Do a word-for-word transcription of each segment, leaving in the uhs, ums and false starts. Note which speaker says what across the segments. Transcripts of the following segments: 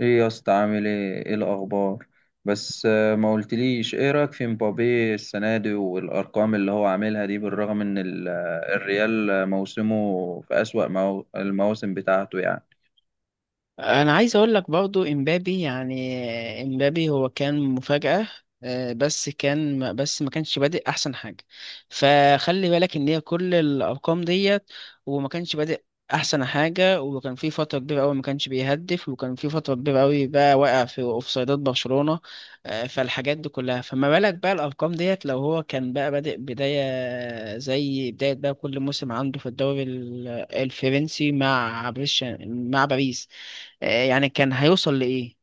Speaker 1: ايه يا اسطى، عامل ايه ايه الاخبار؟ بس آه، ما قلتليش ايه رايك في مبابي السنه دي والارقام اللي هو عاملها دي، بالرغم ان ال- آه، الريال آه، موسمه في اسوأ مو- المواسم بتاعته يعني.
Speaker 2: انا عايز اقول لك برضو امبابي، يعني امبابي هو كان مفاجأة. آه، بس كان ما- بس ما كانش بادئ احسن حاجة. فخلي بالك ان هي كل الارقام ديت، وما كانش بادئ احسن حاجة. وكان في فترة كبيرة قوي ما كانش بيهدف، وكان في فترة كبيرة قوي بقى واقع في اوفسايدات برشلونة. آه، فالحاجات دي كلها، فما بالك بقى الارقام ديت لو هو كان بقى بادئ بداية زي بداية بقى كل موسم عنده في الدوري ال- الفرنسي مع بريش مع باريس. آه، يعني كان هيوصل لإيه؟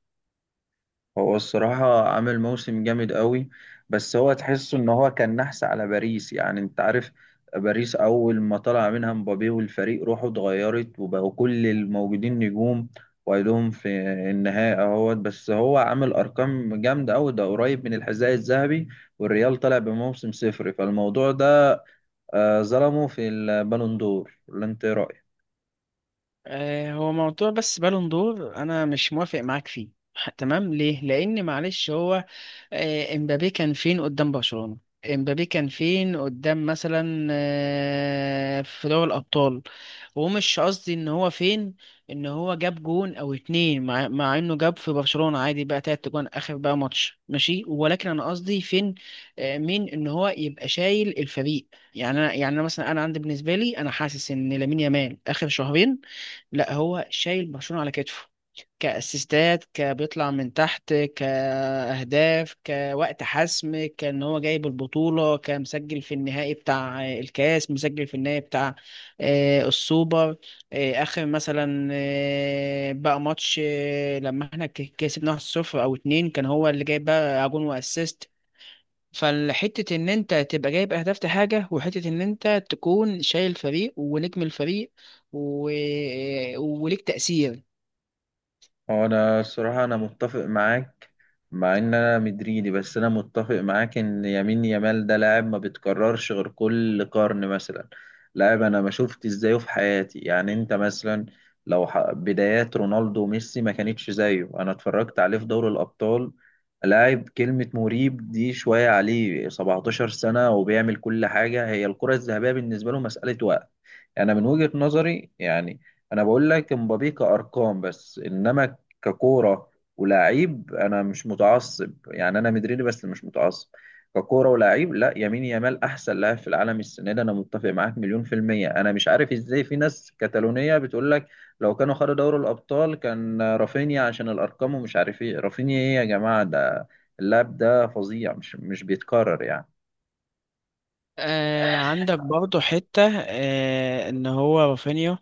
Speaker 1: هو الصراحة عامل موسم جامد قوي، بس هو تحسه ان هو كان نحس على باريس يعني. انت عارف، باريس اول ما طلع منها مبابي والفريق روحه اتغيرت وبقوا كل الموجودين نجوم، وايدهم في النهائي اهوت. بس هو عامل ارقام جامدة قوي، ده قريب من الحذاء الذهبي، والريال طلع بموسم صفر. فالموضوع ده آه، ظلمه في البالون دور، ولا انت إيه رأيك؟
Speaker 2: آه، هو موضوع بس بالون دور انا مش موافق معاك فيه. ح- تمام، ليه؟ لان معلش، هو آه، امبابي كان فين قدام برشلونة؟ امبابي كان فين قدام، مثلا آه، في دوري الابطال؟ ومش قصدي ان هو فين، ان هو جاب جون او اتنين، مع, مع انه جاب في برشلونة عادي بقى تلات جون، اخر بقى ماتش ماشي، ولكن انا قصدي فين، آه، مين، ان هو يبقى شايل الفريق. يعني انا يعني انا مثلا، انا عندي، بالنسبة لي، انا حاسس ان لامين يامال اخر شهرين، لا، هو شايل برشلونة على كتفه، كاسيستات كبيطلع من تحت، كاهداف، كوقت حسم كان هو جايب البطوله، كمسجل في النهائي بتاع الكاس، مسجل في النهائي بتاع آه، السوبر، آه، اخر مثلا آه، بقى ماتش آه، لما احنا ك- كسبنا واحد صفر او اتنين، كان هو اللي جايب بقى جون واسيست. فالحتة إن أنت تبقى جايب أهداف دي حاجة، وحتة إن أنت تكون شايل فريق ونجم الفريق و... آه، وليك تأثير.
Speaker 1: هو انا الصراحه انا متفق معاك، مع ان انا مدريدي، بس انا متفق معاك ان يمين يامال ده لاعب ما بيتكررش غير كل قرن مثلا. لاعب انا ما شفت ازايه في حياتي. يعني انت مثلا لو ح... بدايات رونالدو وميسي ما كانتش زيه. انا اتفرجت عليه في دوري الابطال، لاعب كلمه مريب دي شويه عليه، سبعتاشر سنة سنه وبيعمل كل حاجه. هي الكره الذهبيه بالنسبه له مساله وقت يعني. انا من وجهة نظري يعني، انا بقول لك امبابي كارقام، بس انما ككورة ولاعيب، أنا مش متعصب يعني. أنا مدريدي بس مش متعصب. ككورة ولاعيب، لا، يمين يامال أحسن لاعب في العالم السنة دي، أنا متفق معاك مليون في المية. أنا مش عارف إزاي في ناس كتالونية بتقول لك لو كانوا خدوا دوري الأبطال كان رافينيا عشان الأرقام ومش عارف إيه. رافينيا إيه يا جماعة؟ ده اللاعب ده فظيع، مش مش بيتكرر يعني.
Speaker 2: آه عندك برضه حتة آه إن هو رافينيا،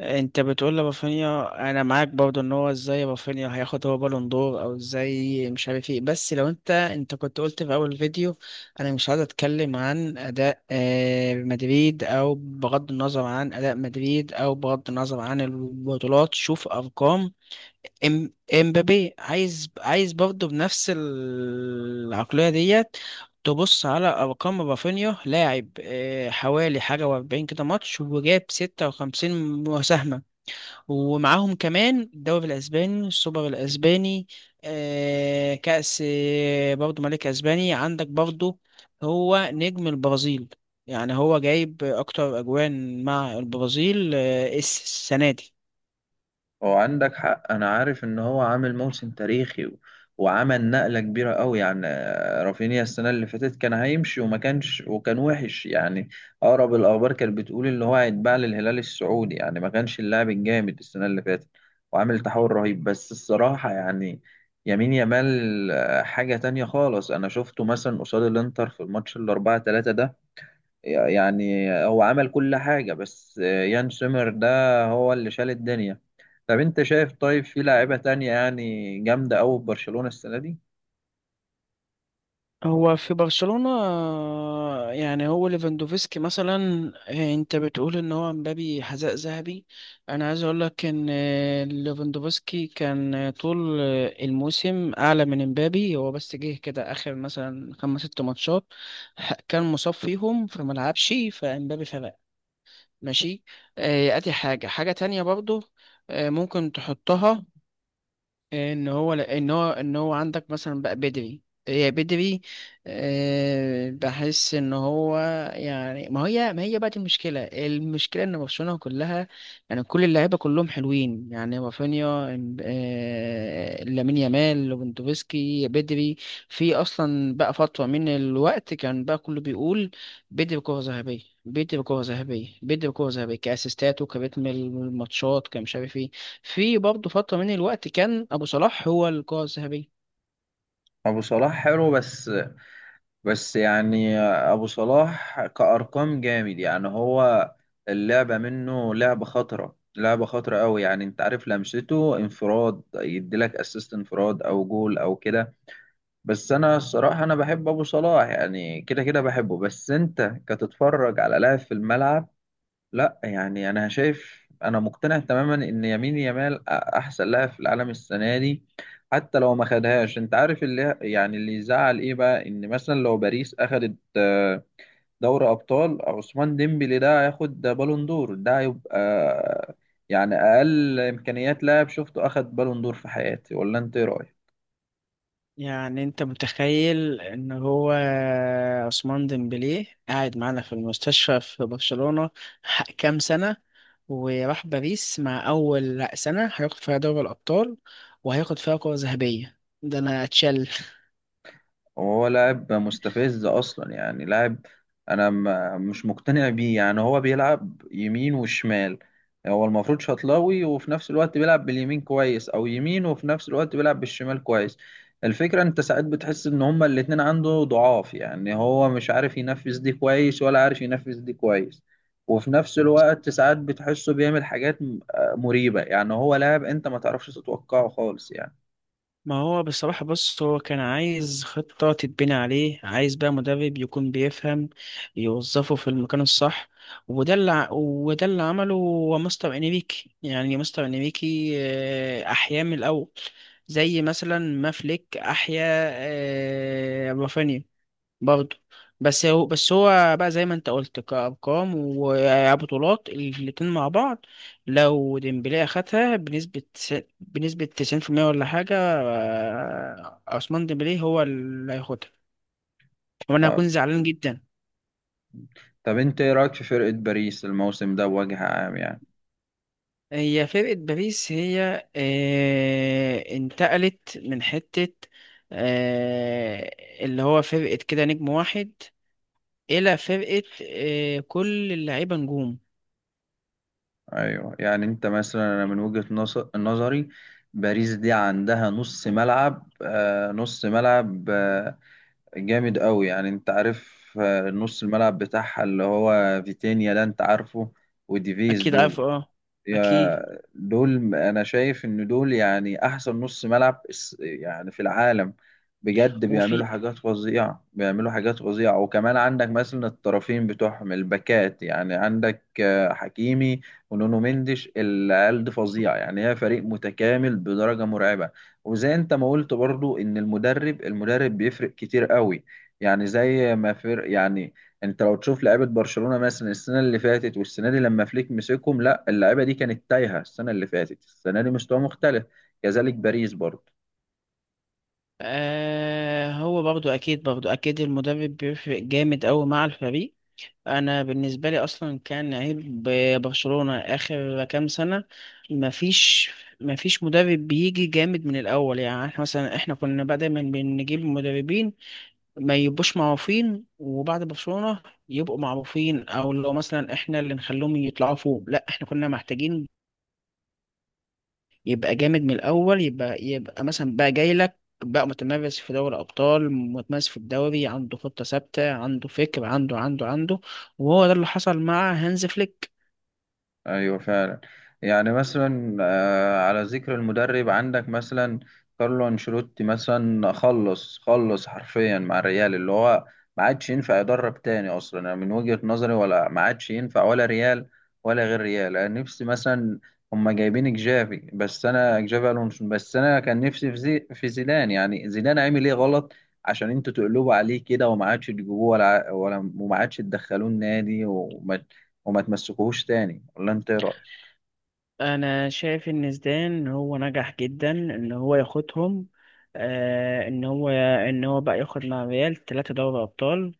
Speaker 2: انت بتقول لرافينيا. انا معاك برضو، ان هو ازاي رافينيا هياخد هو بالون دور، او ازاي مش عارف ايه، بس لو انت، انت كنت قلت في اول فيديو: انا مش عايز اتكلم عن اداء آه، مدريد، او بغض النظر عن اداء مدريد، او بغض النظر عن البطولات، شوف ارقام ام- امبابي. عايز عايز برضو بنفس العقلية ديت تبص على أرقام رافينيا. لاعب آه، حوالي حاجة وأربعين كده ماتش وجاب ستة وخمسين مساهمة، ومعاهم كمان الدوري الاسباني، السوبر الاسباني، آه كأس آه، برضو ملك اسباني. عندك برضو هو نجم البرازيل، يعني هو جايب اكتر اجوان مع البرازيل آه السنة دي.
Speaker 1: هو عندك حق، انا عارف ان هو عامل موسم تاريخي، و... وعمل نقلة كبيرة قوي يعني. آه، رافينيا السنة اللي فاتت كان هيمشي وما كانش، وكان وحش يعني. اقرب الاخبار كانت بتقول ان هو هيتباع للهلال السعودي يعني. ما كانش اللاعب الجامد السنة اللي فاتت، وعامل تحول رهيب. بس الصراحة يعني يمين يامال آه، حاجة تانية خالص. انا شفته مثلا قصاد الانتر في الماتش الاربعة تلاتة ده، يعني هو عمل كل حاجة، بس يان سومر ده هو اللي شال الدنيا. طب انت شايف، طيب في لاعيبة تانية يعني جامدة أوي في برشلونة السنة دي؟
Speaker 2: هو في برشلونة آه، يعني هو ليفاندوفسكي مثلا، آه، انت بتقول ان هو مبابي حذاء ذهبي. انا عايز اقول لك ان آه، ليفاندوفسكي كان آه، طول آه، الموسم اعلى من مبابي، هو بس جه كده اخر مثلا خمس ست ماتشات ح- كان مصاب فيهم فما لعبش، فمبابي فلا ماشي. آه، ادي حاجة، حاجة تانية برضو آه، ممكن تحطها، ان هو ان هو ان هو عندك مثلا بقى بدري، هي بدري، آه، بحس ان هو، يعني ما هي ما هي بقى دي المشكله، المشكله ان برشلونه كلها، يعني كل اللعيبه كلهم حلوين، يعني رافينيا، إم- آه، لامين يامال، ليفاندوفسكي، بدري. في اصلا بقى فتره من الوقت كان بقى كله بيقول: بدري كره ذهبيه، بدري كره ذهبيه، بدري كره ذهبيه، كاسيستات وكريتم الماتشات كمش عارف إيه. في برضه فترة من الوقت كان أبو صلاح هو القائد الذهبي.
Speaker 1: أبو صلاح حلو، بس بس يعني أبو صلاح كأرقام جامد يعني. هو اللعبة منه لعبة خطرة، لعبة خطرة أوي يعني. انت عارف لمسته، انفراد يديلك اسيست، انفراد أو جول أو كده. بس انا الصراحه انا بحب ابو صلاح يعني، كده كده بحبه. بس انت كتتفرج على لاعب في الملعب، لا. يعني انا شايف، انا مقتنع تماما ان يمين يامال أ- احسن لاعب في العالم السنه دي، حتى لو ما خدهاش. انت عارف اللي يعني اللي يزعل ايه بقى؟ ان مثلا لو باريس اخدت آه، دوري ابطال، عثمان ديمبلي ده هياخد بالون دور. ده هيبقى آه، يعني اقل امكانيات لاعب شفته اخد بالون دور في حياتي، ولا انت ايه رايك؟
Speaker 2: يعني أنت متخيل إن هو عثمان ديمبلي قاعد معانا في المستشفى في برشلونة ح- كام سنة، وراح باريس مع أول سنة هياخد فيها دوري الأبطال، وهياخد فيها كرة ذهبية؟ ده أنا أتشل!
Speaker 1: هو لاعب مستفز اصلا يعني. لاعب انا م- مش مقتنع بيه يعني. هو بيلعب يمين وشمال. هو المفروض شطلاوي، وفي نفس الوقت بيلعب باليمين كويس، او يمين وفي نفس الوقت بيلعب بالشمال كويس. الفكرة انت ساعات بتحس ان هما الاتنين عنده ضعاف يعني، هو مش عارف ينفذ دي كويس ولا عارف ينفذ دي كويس. وفي نفس الوقت ساعات بتحسه بيعمل حاجات م- آه، مريبة يعني. هو لاعب انت ما تعرفش تتوقعه خالص يعني.
Speaker 2: ما هو بصراحة، بص، هو كان عايز خطة تتبني عليه، عايز بقى مدرب يكون بيفهم يوظفه في المكان الصح، وده اللي ع- وده اللي عمله هو مستر انريكي. يعني مستر انريكي آه، أحيا من الأول، زي مثلا ما فليك أحيا آه، رافينيا برضه. بس هو بس هو بقى زي ما انت قلت، كأرقام وبطولات الاتنين مع بعض، لو ديمبلي أخدها بنسبة تس- بنسبة تسعين في المية ولا حاجة، آه، عثمان ديمبلي هو اللي هياخدها، وأنا هكون زعلان جدا.
Speaker 1: طب انت ايه رايك في فرقه باريس الموسم ده بوجه عام يعني؟
Speaker 2: هي فرقة باريس هي آه، انتقلت من حتة، آه، اللي هو فرقة كده نجم واحد، إلى فرقة آه، كل اللعيبة نجوم.
Speaker 1: ايوه، يعني انت مثلا انا من وجهه نص- نظري، باريس دي عندها نص ملعب، آه نص ملعب، آه جامد قوي يعني. انت عارف، آه نص الملعب بتاعها اللي هو فيتينيا ده انت عارفه، وديفيز
Speaker 2: أكيد عارف،
Speaker 1: دول.
Speaker 2: اه.
Speaker 1: يا
Speaker 2: أكيد.
Speaker 1: دول، انا شايف ان دول يعني احسن نص ملعب اس- يعني في العالم، بجد. بيعملوا
Speaker 2: وفي.
Speaker 1: حاجات فظيعة، بيعملوا حاجات فظيعة. وكمان عندك مثلا الطرفين بتوعهم الباكات يعني، عندك آه، حكيمي ونونو مندش. العيال دي فظيعة يعني، هي فريق متكامل بدرجة مرعبة. وزي انت ما قلت برضو ان المدرب المدرب بيفرق كتير قوي يعني، زي ما فرق يعني. انت لو تشوف لعيبه برشلونه مثلا السنه اللي فاتت والسنه دي لما فليك مسكهم، لا، اللعيبه دي كانت تايهه السنه اللي فاتت، السنه دي مستوى مختلف. كذلك باريس برضه.
Speaker 2: آه هو برضو اكيد، برضو اكيد المدرب بيفرق جامد قوي مع الفريق. انا بالنسبه لي اصلا كان عيب برشلونه اخر كام سنه، مفيش، مفيش مدرب بيجي جامد من الاول. يعني احنا مثلا، احنا كنا بقى دايما بنجيب مدربين ما يبقوش معروفين، وبعد برشلونه يبقوا معروفين، او لو مثلا احنا اللي نخليهم يطلعوا فوق. لا، احنا كنا محتاجين يبقى جامد من الاول، يبقى، يبقى مثلا بقى جاي لك بقى متمرس في دوري ابطال، متمرس في الدوري، عنده خطه ثابته، عنده فكر، عنده عنده عنده. وهو ده اللي حصل مع هانز فليك.
Speaker 1: ايوه فعلا. يعني مثلا آه، على ذكر المدرب، عندك مثلا كارلو انشيلوتي مثلا، خلص خلص حرفيا مع الريال، اللي هو ما عادش ينفع يدرب تاني اصلا انا من وجهة نظري. ولا ما عادش ينفع ولا ريال ولا غير ريال. انا نفسي مثلا، هما جايبين جافي، بس انا جافي الونسو، بس انا كان نفسي في زي في زيدان يعني. زيدان عامل ايه غلط عشان انتوا تقلبوا عليه كده وما عادش تجيبوه ولا ولا وما عادش تدخلوه النادي، وما وما تمسكوهوش تاني؟ ولا انت ايه رايك؟
Speaker 2: انا شايف ان زيدان هو نجح جدا ان هو ياخدهم آه ان هو، ان هو بقى ياخد مع ريال ثلاثه دوري ابطال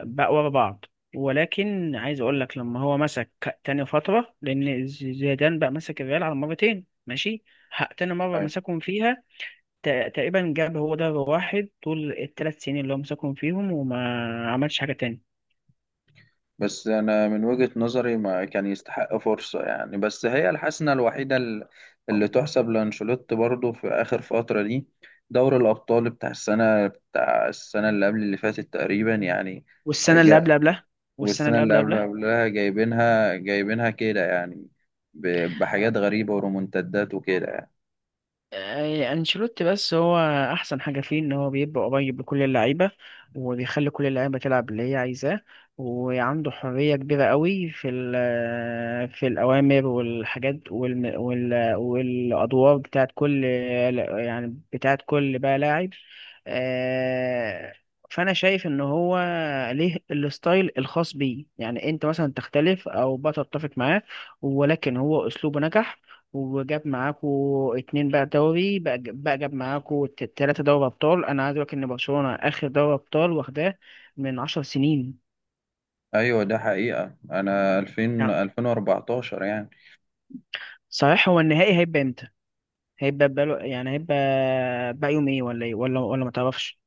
Speaker 2: بقى ورا بعض، ولكن عايز اقول لك لما هو مسك تاني فتره، لان زيدان بقى مسك الريال على مرتين، ماشي. ه- تاني مره
Speaker 1: أيوة.
Speaker 2: مسكهم فيها تق- تقريبا جاب هو ده واحد طول الثلاث سنين اللي هو مسكهم فيهم، وما عملش حاجة تاني.
Speaker 1: بس انا من وجهة نظري ما كان يستحق فرصة يعني. بس هي الحسنة الوحيدة ال- اللي تحسب لانشيلوتي برضو في اخر فترة دي، دوري الابطال بتاع السنة بتاع السنة اللي قبل اللي فاتت تقريبا يعني
Speaker 2: والسنة اللي قبل
Speaker 1: جا.
Speaker 2: قبلها، والسنة
Speaker 1: والسنة
Speaker 2: اللي قبل
Speaker 1: اللي قبل
Speaker 2: قبلها
Speaker 1: قبلها جايبينها جايبينها كده يعني، ب- بحاجات غريبة ورومنتدات وكده يعني.
Speaker 2: آه، انشيلوتي، بس هو احسن حاجه فيه ان هو بيبقى قريب لكل اللعيبه وبيخلي كل اللعيبه تلعب اللي هي عايزاه، وعنده حريه كبيره قوي في ال- في الاوامر والحاجات والم- وال والادوار بتاعت كل، يعني بتاعت كل بقى لاعب. آه، فانا شايف ان هو ليه الستايل الخاص بيه، يعني انت مثلا تختلف او بقى تتفق معاه، ولكن هو اسلوبه نجح، وجاب معاكو اتنين بقى دوري بقى, بقى جاب معاكو ت- تلاتة دوري أبطال. أنا عايز أقولك إن برشلونة آخر دوري أبطال واخداه من عشر سنين
Speaker 1: ايوه ده حقيقة، انا ألفين،
Speaker 2: يعني.
Speaker 1: ألفين وأربعة عشر يعني.
Speaker 2: صحيح، هو النهائي هيبقى إمتى؟ هيبقى بقاله، يعني هيبقى بقى يوم إيه ولا إيه ولا ولا متعرفش؟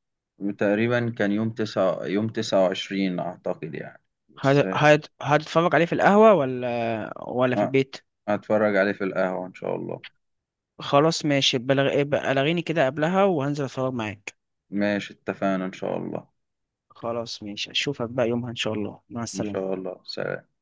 Speaker 1: تقريبا كان يوم تسعة، يوم تسعة وعشرين أعتقد يعني. بس
Speaker 2: هت- هت- هتتفرج عليه في القهوة ولا ولا في
Speaker 1: آه،
Speaker 2: البيت؟
Speaker 1: هتفرج عليه في القهوة إن شاء الله.
Speaker 2: خلاص ماشي، بلغ... بلغيني كده قبلها وهنزل أتفرج معاك.
Speaker 1: ماشي اتفقنا إن شاء الله.
Speaker 2: خلاص ماشي، أشوفك بقى يومها إن شاء الله، مع
Speaker 1: إن
Speaker 2: السلامة.
Speaker 1: شاء الله، سلام.